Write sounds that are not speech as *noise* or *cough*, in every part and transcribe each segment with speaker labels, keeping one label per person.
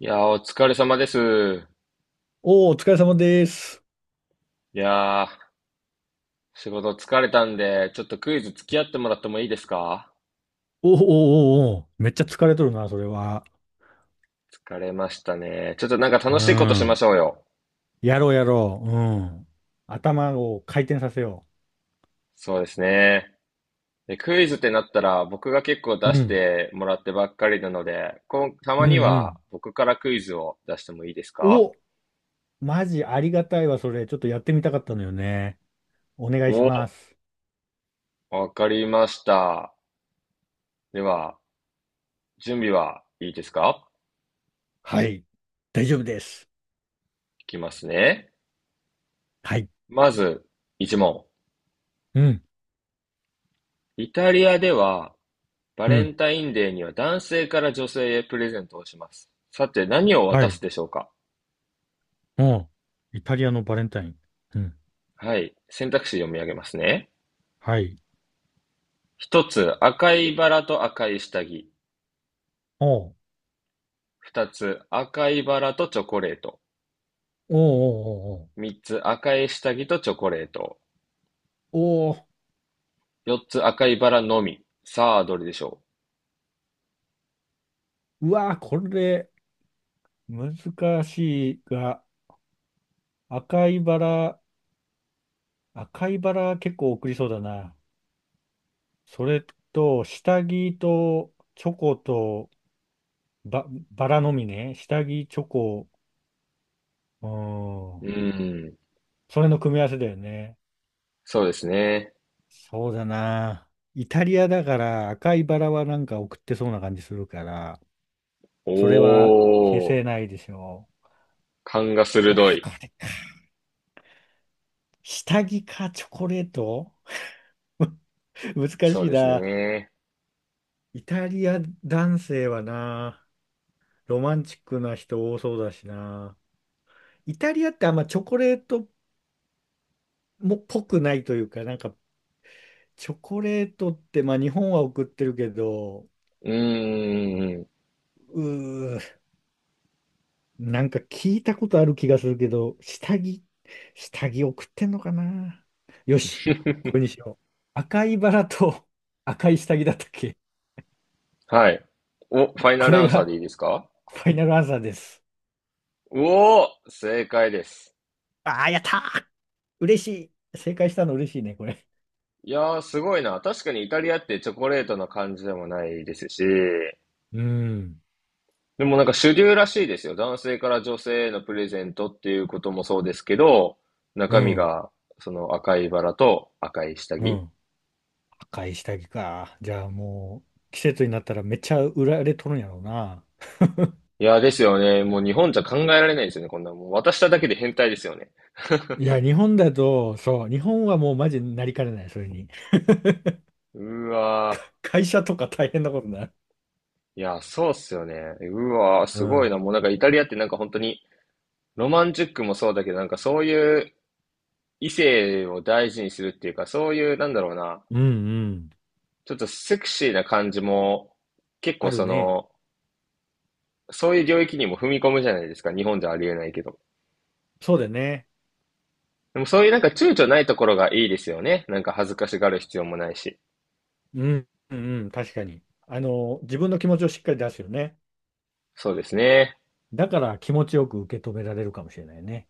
Speaker 1: お疲れ様です。
Speaker 2: おお、お疲れ様です。
Speaker 1: いやー、仕事疲れたんで、ちょっとクイズ付き合ってもらってもいいですか？
Speaker 2: おーおー、おお、おーめっちゃ疲れとるな、それは。
Speaker 1: 疲れましたね。ちょっと
Speaker 2: う
Speaker 1: 楽しいことしま
Speaker 2: ん。
Speaker 1: しょうよ。
Speaker 2: やろう、やろう。うん。頭を回転させよ
Speaker 1: そうですね。で、クイズってなったら、僕が結構
Speaker 2: う。う
Speaker 1: 出し
Speaker 2: ん。
Speaker 1: てもらってばっかりなので、た
Speaker 2: うん、
Speaker 1: まに
Speaker 2: う
Speaker 1: は
Speaker 2: ん。
Speaker 1: 僕からクイズを出してもいいですか？
Speaker 2: お、マジありがたいわ、それ。ちょっとやってみたかったのよね。お願いし
Speaker 1: お、
Speaker 2: ます。
Speaker 1: わかりました。では、準備はいいですか？
Speaker 2: はい。大丈夫です。
Speaker 1: いきますね。
Speaker 2: はい。
Speaker 1: まず、一問。
Speaker 2: うん。
Speaker 1: イタリアではバ
Speaker 2: う
Speaker 1: レ
Speaker 2: ん。
Speaker 1: ンタインデーには男性から女性へプレゼントをします。さて、何を
Speaker 2: は
Speaker 1: 渡す
Speaker 2: い。
Speaker 1: でしょうか？
Speaker 2: おう。イタリアのバレンタイン。うん。
Speaker 1: はい。選択肢読み上げますね。
Speaker 2: はい。
Speaker 1: 一つ、赤いバラと赤い下着。
Speaker 2: おう
Speaker 1: 二つ、赤いバラとチョコレート。
Speaker 2: おうおうおう
Speaker 1: 三つ、赤い下着とチョコレート。
Speaker 2: おうお
Speaker 1: 四つ、赤いバラのみ。さあ、どれでしょ
Speaker 2: う。うわー、これ、難しいが。赤いバラ、赤いバラ結構送りそうだな。それと、下着とチョコとバラのみね。下着、チョコ、う
Speaker 1: う？
Speaker 2: ん。それの組み合わせだよね。
Speaker 1: そうですね。
Speaker 2: そうだな。イタリアだから赤いバラはなんか送ってそうな感じするから、
Speaker 1: お
Speaker 2: それは消せ
Speaker 1: ー。
Speaker 2: ないでしょ
Speaker 1: 勘が鋭
Speaker 2: う。あー、
Speaker 1: い。
Speaker 2: これか。下着かチョコレート *laughs* 難
Speaker 1: そう
Speaker 2: しい
Speaker 1: です
Speaker 2: な。
Speaker 1: ね。
Speaker 2: イタリア男性はな。ロマンチックな人多そうだしな。イタリアってあんまチョコレートもっぽくないというか、なんかチョコレートって、まあ日本は送ってるけど、
Speaker 1: うーん。
Speaker 2: うー、なんか聞いたことある気がするけど、下着送ってんのかな。よし、これにしよう。赤いバラと *laughs* 赤い下着だったっけ？
Speaker 1: はい。お、ファイナ
Speaker 2: こ
Speaker 1: ルア
Speaker 2: れ
Speaker 1: ンサー
Speaker 2: が
Speaker 1: でいいですか？
Speaker 2: ファイナルアンサーです。
Speaker 1: おお、正解です。
Speaker 2: ああ、やったー。嬉しい。正解したの嬉しいね、これ。
Speaker 1: いやー、すごいな。確かにイタリアってチョコレートな感じでもないですし、
Speaker 2: うん、
Speaker 1: でも主流らしいですよ。男性から女性へのプレゼントっていうこともそうですけど、
Speaker 2: う
Speaker 1: 中身
Speaker 2: ん、
Speaker 1: が赤いバラと赤い下着。
Speaker 2: う
Speaker 1: い
Speaker 2: ん。買い下着か。じゃあもう、季節になったらめっちゃ売られとるんやろうな。
Speaker 1: やーですよね。もう日本じゃ考えられないですよね。こんなもう渡しただけで変態ですよね。
Speaker 2: いや、日本だと、そう、日本はもうマジになりかねない、それに。
Speaker 1: *laughs* うわ
Speaker 2: 会社とか大変なことになる。
Speaker 1: ー。いやそうっすよね。うわー、
Speaker 2: う
Speaker 1: すごい
Speaker 2: ん。
Speaker 1: な。もうイタリアって本当にロマンチックもそうだけど、なんかそういう異性を大事にするっていうか、そういう、なんだろうな、
Speaker 2: うんうん。
Speaker 1: ちょっとセクシーな感じも、結
Speaker 2: あ
Speaker 1: 構
Speaker 2: る
Speaker 1: そ
Speaker 2: ね。
Speaker 1: の、そういう領域にも踏み込むじゃないですか。日本じゃありえないけど。
Speaker 2: そうだね。
Speaker 1: でもそういう躊躇ないところがいいですよね。恥ずかしがる必要もないし。
Speaker 2: うん、うんうん、確かに。あの、自分の気持ちをしっかり出すよね。
Speaker 1: そうですね。
Speaker 2: だから気持ちよく受け止められるかもしれないね。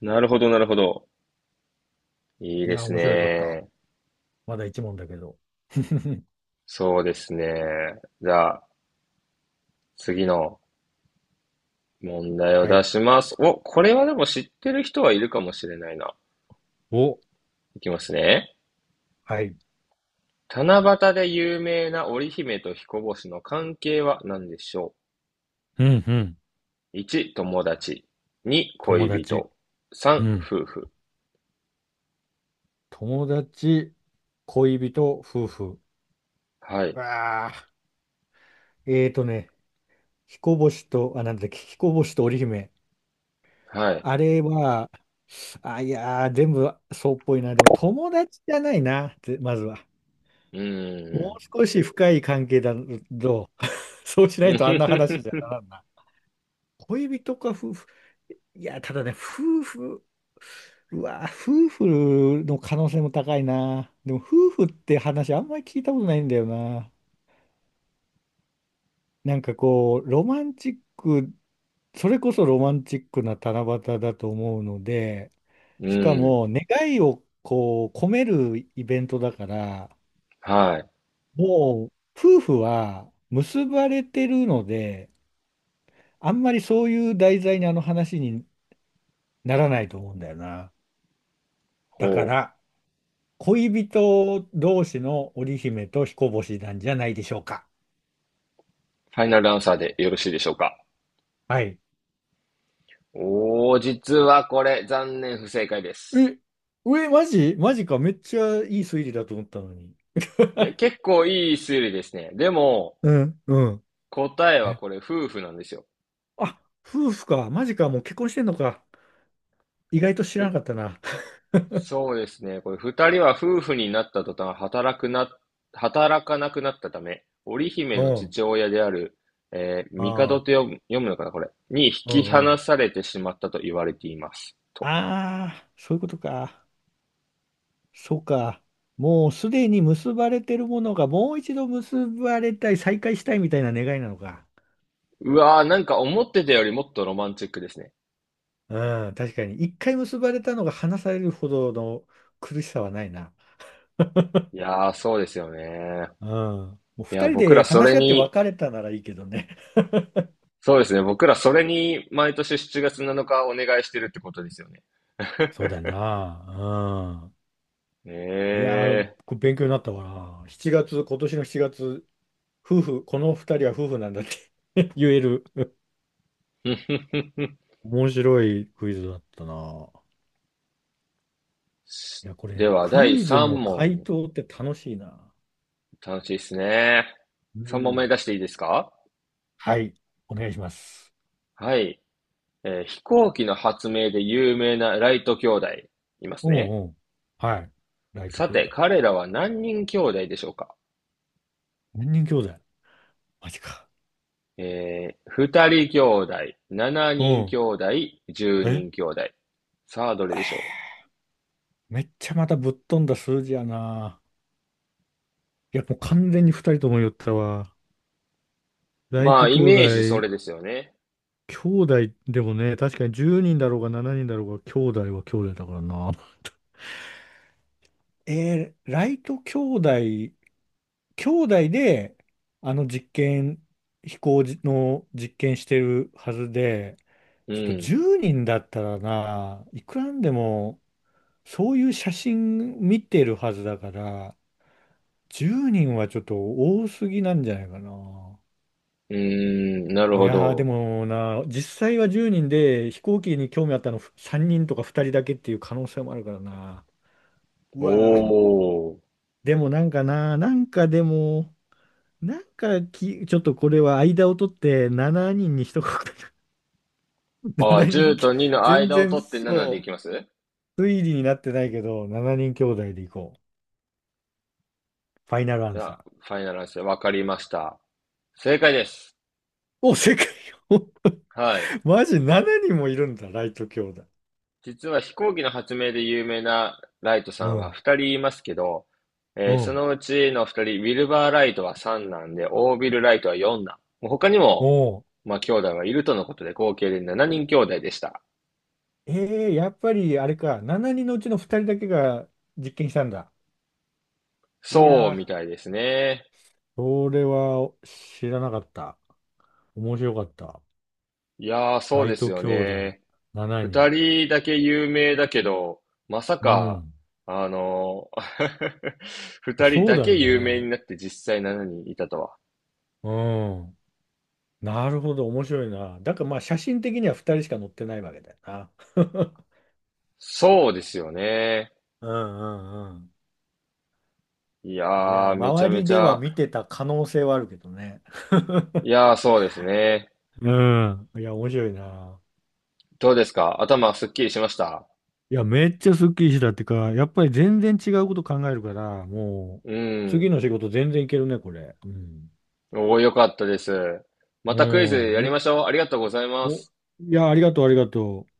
Speaker 1: なるほど、なるほど。いい
Speaker 2: い
Speaker 1: で
Speaker 2: や、
Speaker 1: す
Speaker 2: 面白かった。
Speaker 1: ね。
Speaker 2: まだ一問だけど。*laughs*
Speaker 1: そうですね。じゃあ、次の問題を
Speaker 2: は
Speaker 1: 出
Speaker 2: い。
Speaker 1: します。お、これはでも知ってる人はいるかもしれないな。
Speaker 2: お、
Speaker 1: いきますね。
Speaker 2: はい。
Speaker 1: 七夕で有名な織姫と彦星の関係は何でしょ
Speaker 2: うんうん。
Speaker 1: う？ 1、友達。2、
Speaker 2: 友
Speaker 1: 恋
Speaker 2: 達。
Speaker 1: 人。
Speaker 2: う
Speaker 1: 3、
Speaker 2: ん。
Speaker 1: 夫婦。
Speaker 2: 友達、恋人、夫婦。
Speaker 1: は
Speaker 2: う
Speaker 1: い。
Speaker 2: わあ、えーとね、彦星と、あ、なんだっけ、彦星と織姫。
Speaker 1: はい。
Speaker 2: あれは、あ、いやー、全部そうっぽいな。でも友達じゃないな、ぜまずは。
Speaker 1: うー
Speaker 2: も
Speaker 1: ん。
Speaker 2: う少し深い関係だと、*laughs* そうし
Speaker 1: *laughs*
Speaker 2: ない
Speaker 1: うふ
Speaker 2: とあんな
Speaker 1: ふ
Speaker 2: 話じゃな
Speaker 1: ふ
Speaker 2: らんな。恋人か夫婦。いや、ただね、夫婦、うわー、夫婦の可能性も高いな。でも夫婦って話あんまり聞いたことないんだよな。なんかこう、ロマンチック、それこそロマンチックな七夕だと思うので、
Speaker 1: *laughs* う
Speaker 2: しか
Speaker 1: ーん。
Speaker 2: も願いをこう込めるイベントだから、
Speaker 1: はい。
Speaker 2: もう夫婦は結ばれてるので、あんまりそういう題材にあの話にならないと思うんだよな。だか
Speaker 1: ほう。
Speaker 2: ら、恋人同士の織姫と彦星なんじゃないでしょうか。
Speaker 1: ファイナルアンサーでよろしいでしょうか？
Speaker 2: はい。
Speaker 1: おー、実はこれ、残念不正解で
Speaker 2: え、
Speaker 1: す。
Speaker 2: え、マジマジか。めっちゃいい推理だと思ったのに。
Speaker 1: いや、結構いい推理ですね。でも、
Speaker 2: うん、うん。
Speaker 1: 答えは
Speaker 2: え、
Speaker 1: これ、夫婦なんですよ。
Speaker 2: あ、夫婦か。マジか。もう結婚してんのか。意外と知らなかったな。*laughs*
Speaker 1: そうですね。これ、二人は夫婦になった途端、働かなくなったため、織姫
Speaker 2: う
Speaker 1: の
Speaker 2: ん。
Speaker 1: 父親である、
Speaker 2: あ
Speaker 1: 帝と
Speaker 2: あ。
Speaker 1: 読むのかな、これ。に引
Speaker 2: う
Speaker 1: き
Speaker 2: んう
Speaker 1: 離
Speaker 2: ん。
Speaker 1: されてしまったと言われています。と。
Speaker 2: ああ、そういうことか。そうか。もうすでに結ばれてるものがもう一度結ばれたい、再会したいみたいな願いなのか。
Speaker 1: うわー、思ってたよりもっとロマンチックですね。
Speaker 2: うん、確かに。一回結ばれたのが離されるほどの苦しさはないな。
Speaker 1: いやー、そうですよね。
Speaker 2: うん。もう
Speaker 1: いや、
Speaker 2: 二人
Speaker 1: 僕
Speaker 2: で
Speaker 1: らそ
Speaker 2: 話
Speaker 1: れ
Speaker 2: し合って
Speaker 1: に、
Speaker 2: 別れたならいいけどね。
Speaker 1: そうですね。僕らそれに毎年7月7日お願いしてるってことですよね。
Speaker 2: そう
Speaker 1: *laughs*
Speaker 2: だな。うん。いやー、
Speaker 1: え
Speaker 2: これ勉強になったわな。7月、今年の7月、夫婦、この二人は夫婦なんだって *laughs* 言える。
Speaker 1: ー。
Speaker 2: 面白いクイズだったな。いや、こ
Speaker 1: *laughs* で
Speaker 2: れ、
Speaker 1: は、
Speaker 2: ク
Speaker 1: 第
Speaker 2: イズ
Speaker 1: 3
Speaker 2: の回
Speaker 1: 問。
Speaker 2: 答って楽しいな。
Speaker 1: 楽しいですね。
Speaker 2: う
Speaker 1: 3問目
Speaker 2: ん。
Speaker 1: 出していいですか？
Speaker 2: はい。お願いします。
Speaker 1: はい。飛行機の発明で有名なライト兄弟、います
Speaker 2: うん
Speaker 1: ね。
Speaker 2: うん。はい。ライト
Speaker 1: さ
Speaker 2: 兄
Speaker 1: て、
Speaker 2: 弟。
Speaker 1: 彼らは何人兄弟でしょうか？
Speaker 2: 何人兄弟？マジか。
Speaker 1: えー、2人兄弟、7
Speaker 2: う
Speaker 1: 人兄
Speaker 2: ん。
Speaker 1: 弟、10
Speaker 2: え、
Speaker 1: 人兄弟。さあ、どれでしょ
Speaker 2: めっちゃまたぶっ飛んだ数字やな。いや、もう完全に二人とも言ったわ。
Speaker 1: う？
Speaker 2: ライ
Speaker 1: まあ、
Speaker 2: ト
Speaker 1: イ
Speaker 2: 兄
Speaker 1: メージそ
Speaker 2: 弟、
Speaker 1: れですよね。
Speaker 2: 兄弟でもね、確かに10人だろうが7人だろうが、兄弟は兄弟だからな。ライト兄弟、兄弟で、あの実験、飛行じの実験してるはずで、
Speaker 1: う
Speaker 2: ちょっと
Speaker 1: ん。
Speaker 2: 10人だったらな、いくらなんでも、そういう写真見てるはずだから、10人はちょっと多すぎなんじゃないかな。
Speaker 1: うーん、なる
Speaker 2: い
Speaker 1: ほ
Speaker 2: やーで
Speaker 1: ど。
Speaker 2: もな、実際は10人で飛行機に興味あったの3人とか2人だけっていう可能性もあるからな。う
Speaker 1: お
Speaker 2: わー、
Speaker 1: ー。
Speaker 2: でもなんかな、なんかでも、なんかき、ちょっとこれは間を取って7人にんに一言7
Speaker 1: あー、
Speaker 2: 人 *laughs*
Speaker 1: 10
Speaker 2: き、
Speaker 1: と2の
Speaker 2: 全
Speaker 1: 間を
Speaker 2: 然
Speaker 1: 取って7でい
Speaker 2: そ
Speaker 1: きます。
Speaker 2: う、推理になってないけど、7人兄弟でいこう。ファイナルア
Speaker 1: じ
Speaker 2: ン
Speaker 1: ゃ
Speaker 2: サー。
Speaker 1: あ、ファイナルアンサー、わかりました。正解です。
Speaker 2: お、世界を
Speaker 1: はい。
Speaker 2: *laughs* マジ7人もいるんだ、ライト兄弟。
Speaker 1: 実は飛行機の発明で有名なライトさ
Speaker 2: う
Speaker 1: んは
Speaker 2: ん、
Speaker 1: 2人いますけど、
Speaker 2: う
Speaker 1: そ
Speaker 2: ん。
Speaker 1: のうちの2人、ウィルバー・ライトは3男で、オービル・ライトは4男。もう他に
Speaker 2: お
Speaker 1: も、
Speaker 2: う
Speaker 1: まあ、兄弟はいるとのことで、合計で7人兄弟でした。
Speaker 2: えー、やっぱりあれか、7人のうちの2人だけが実験したんだ。い
Speaker 1: そう
Speaker 2: や
Speaker 1: み
Speaker 2: ー、
Speaker 1: たいですね。
Speaker 2: それは知らなかった。面白かった。
Speaker 1: いやー、そう
Speaker 2: ラ
Speaker 1: で
Speaker 2: イ
Speaker 1: す
Speaker 2: ト
Speaker 1: よ
Speaker 2: 兄弟
Speaker 1: ね。
Speaker 2: 7
Speaker 1: 2
Speaker 2: 人。
Speaker 1: 人だけ有名だけど、まさ
Speaker 2: う
Speaker 1: か、
Speaker 2: ん。
Speaker 1: あの*laughs* 2人
Speaker 2: そう
Speaker 1: だ
Speaker 2: だ
Speaker 1: け
Speaker 2: よ
Speaker 1: 有名に
Speaker 2: ね。
Speaker 1: なって実際7人いたとは。
Speaker 2: うん。なるほど、面白いな。だからまあ写真的には2人しか乗ってないわけだよな。*laughs*
Speaker 1: そうですよね。
Speaker 2: うんうんうん。
Speaker 1: い
Speaker 2: いや、
Speaker 1: やー、めちゃ
Speaker 2: 周
Speaker 1: め
Speaker 2: り
Speaker 1: ち
Speaker 2: では
Speaker 1: ゃ、
Speaker 2: 見てた可能性はあるけどね。
Speaker 1: いやー、そうですね。
Speaker 2: うん。いや、面白いな。
Speaker 1: どうですか？頭すっきりしました？
Speaker 2: いや、めっちゃスッキリしたってか、やっぱり全然違うこと考えるから、も
Speaker 1: う
Speaker 2: う、次
Speaker 1: ん。
Speaker 2: の仕事全然いけるね、これ。うん。
Speaker 1: おー、よかったです。ま
Speaker 2: う
Speaker 1: たクイズ
Speaker 2: ん。
Speaker 1: やりましょう。ありがとうございま
Speaker 2: お、
Speaker 1: す。
Speaker 2: いや、ありがとう、ありがとう。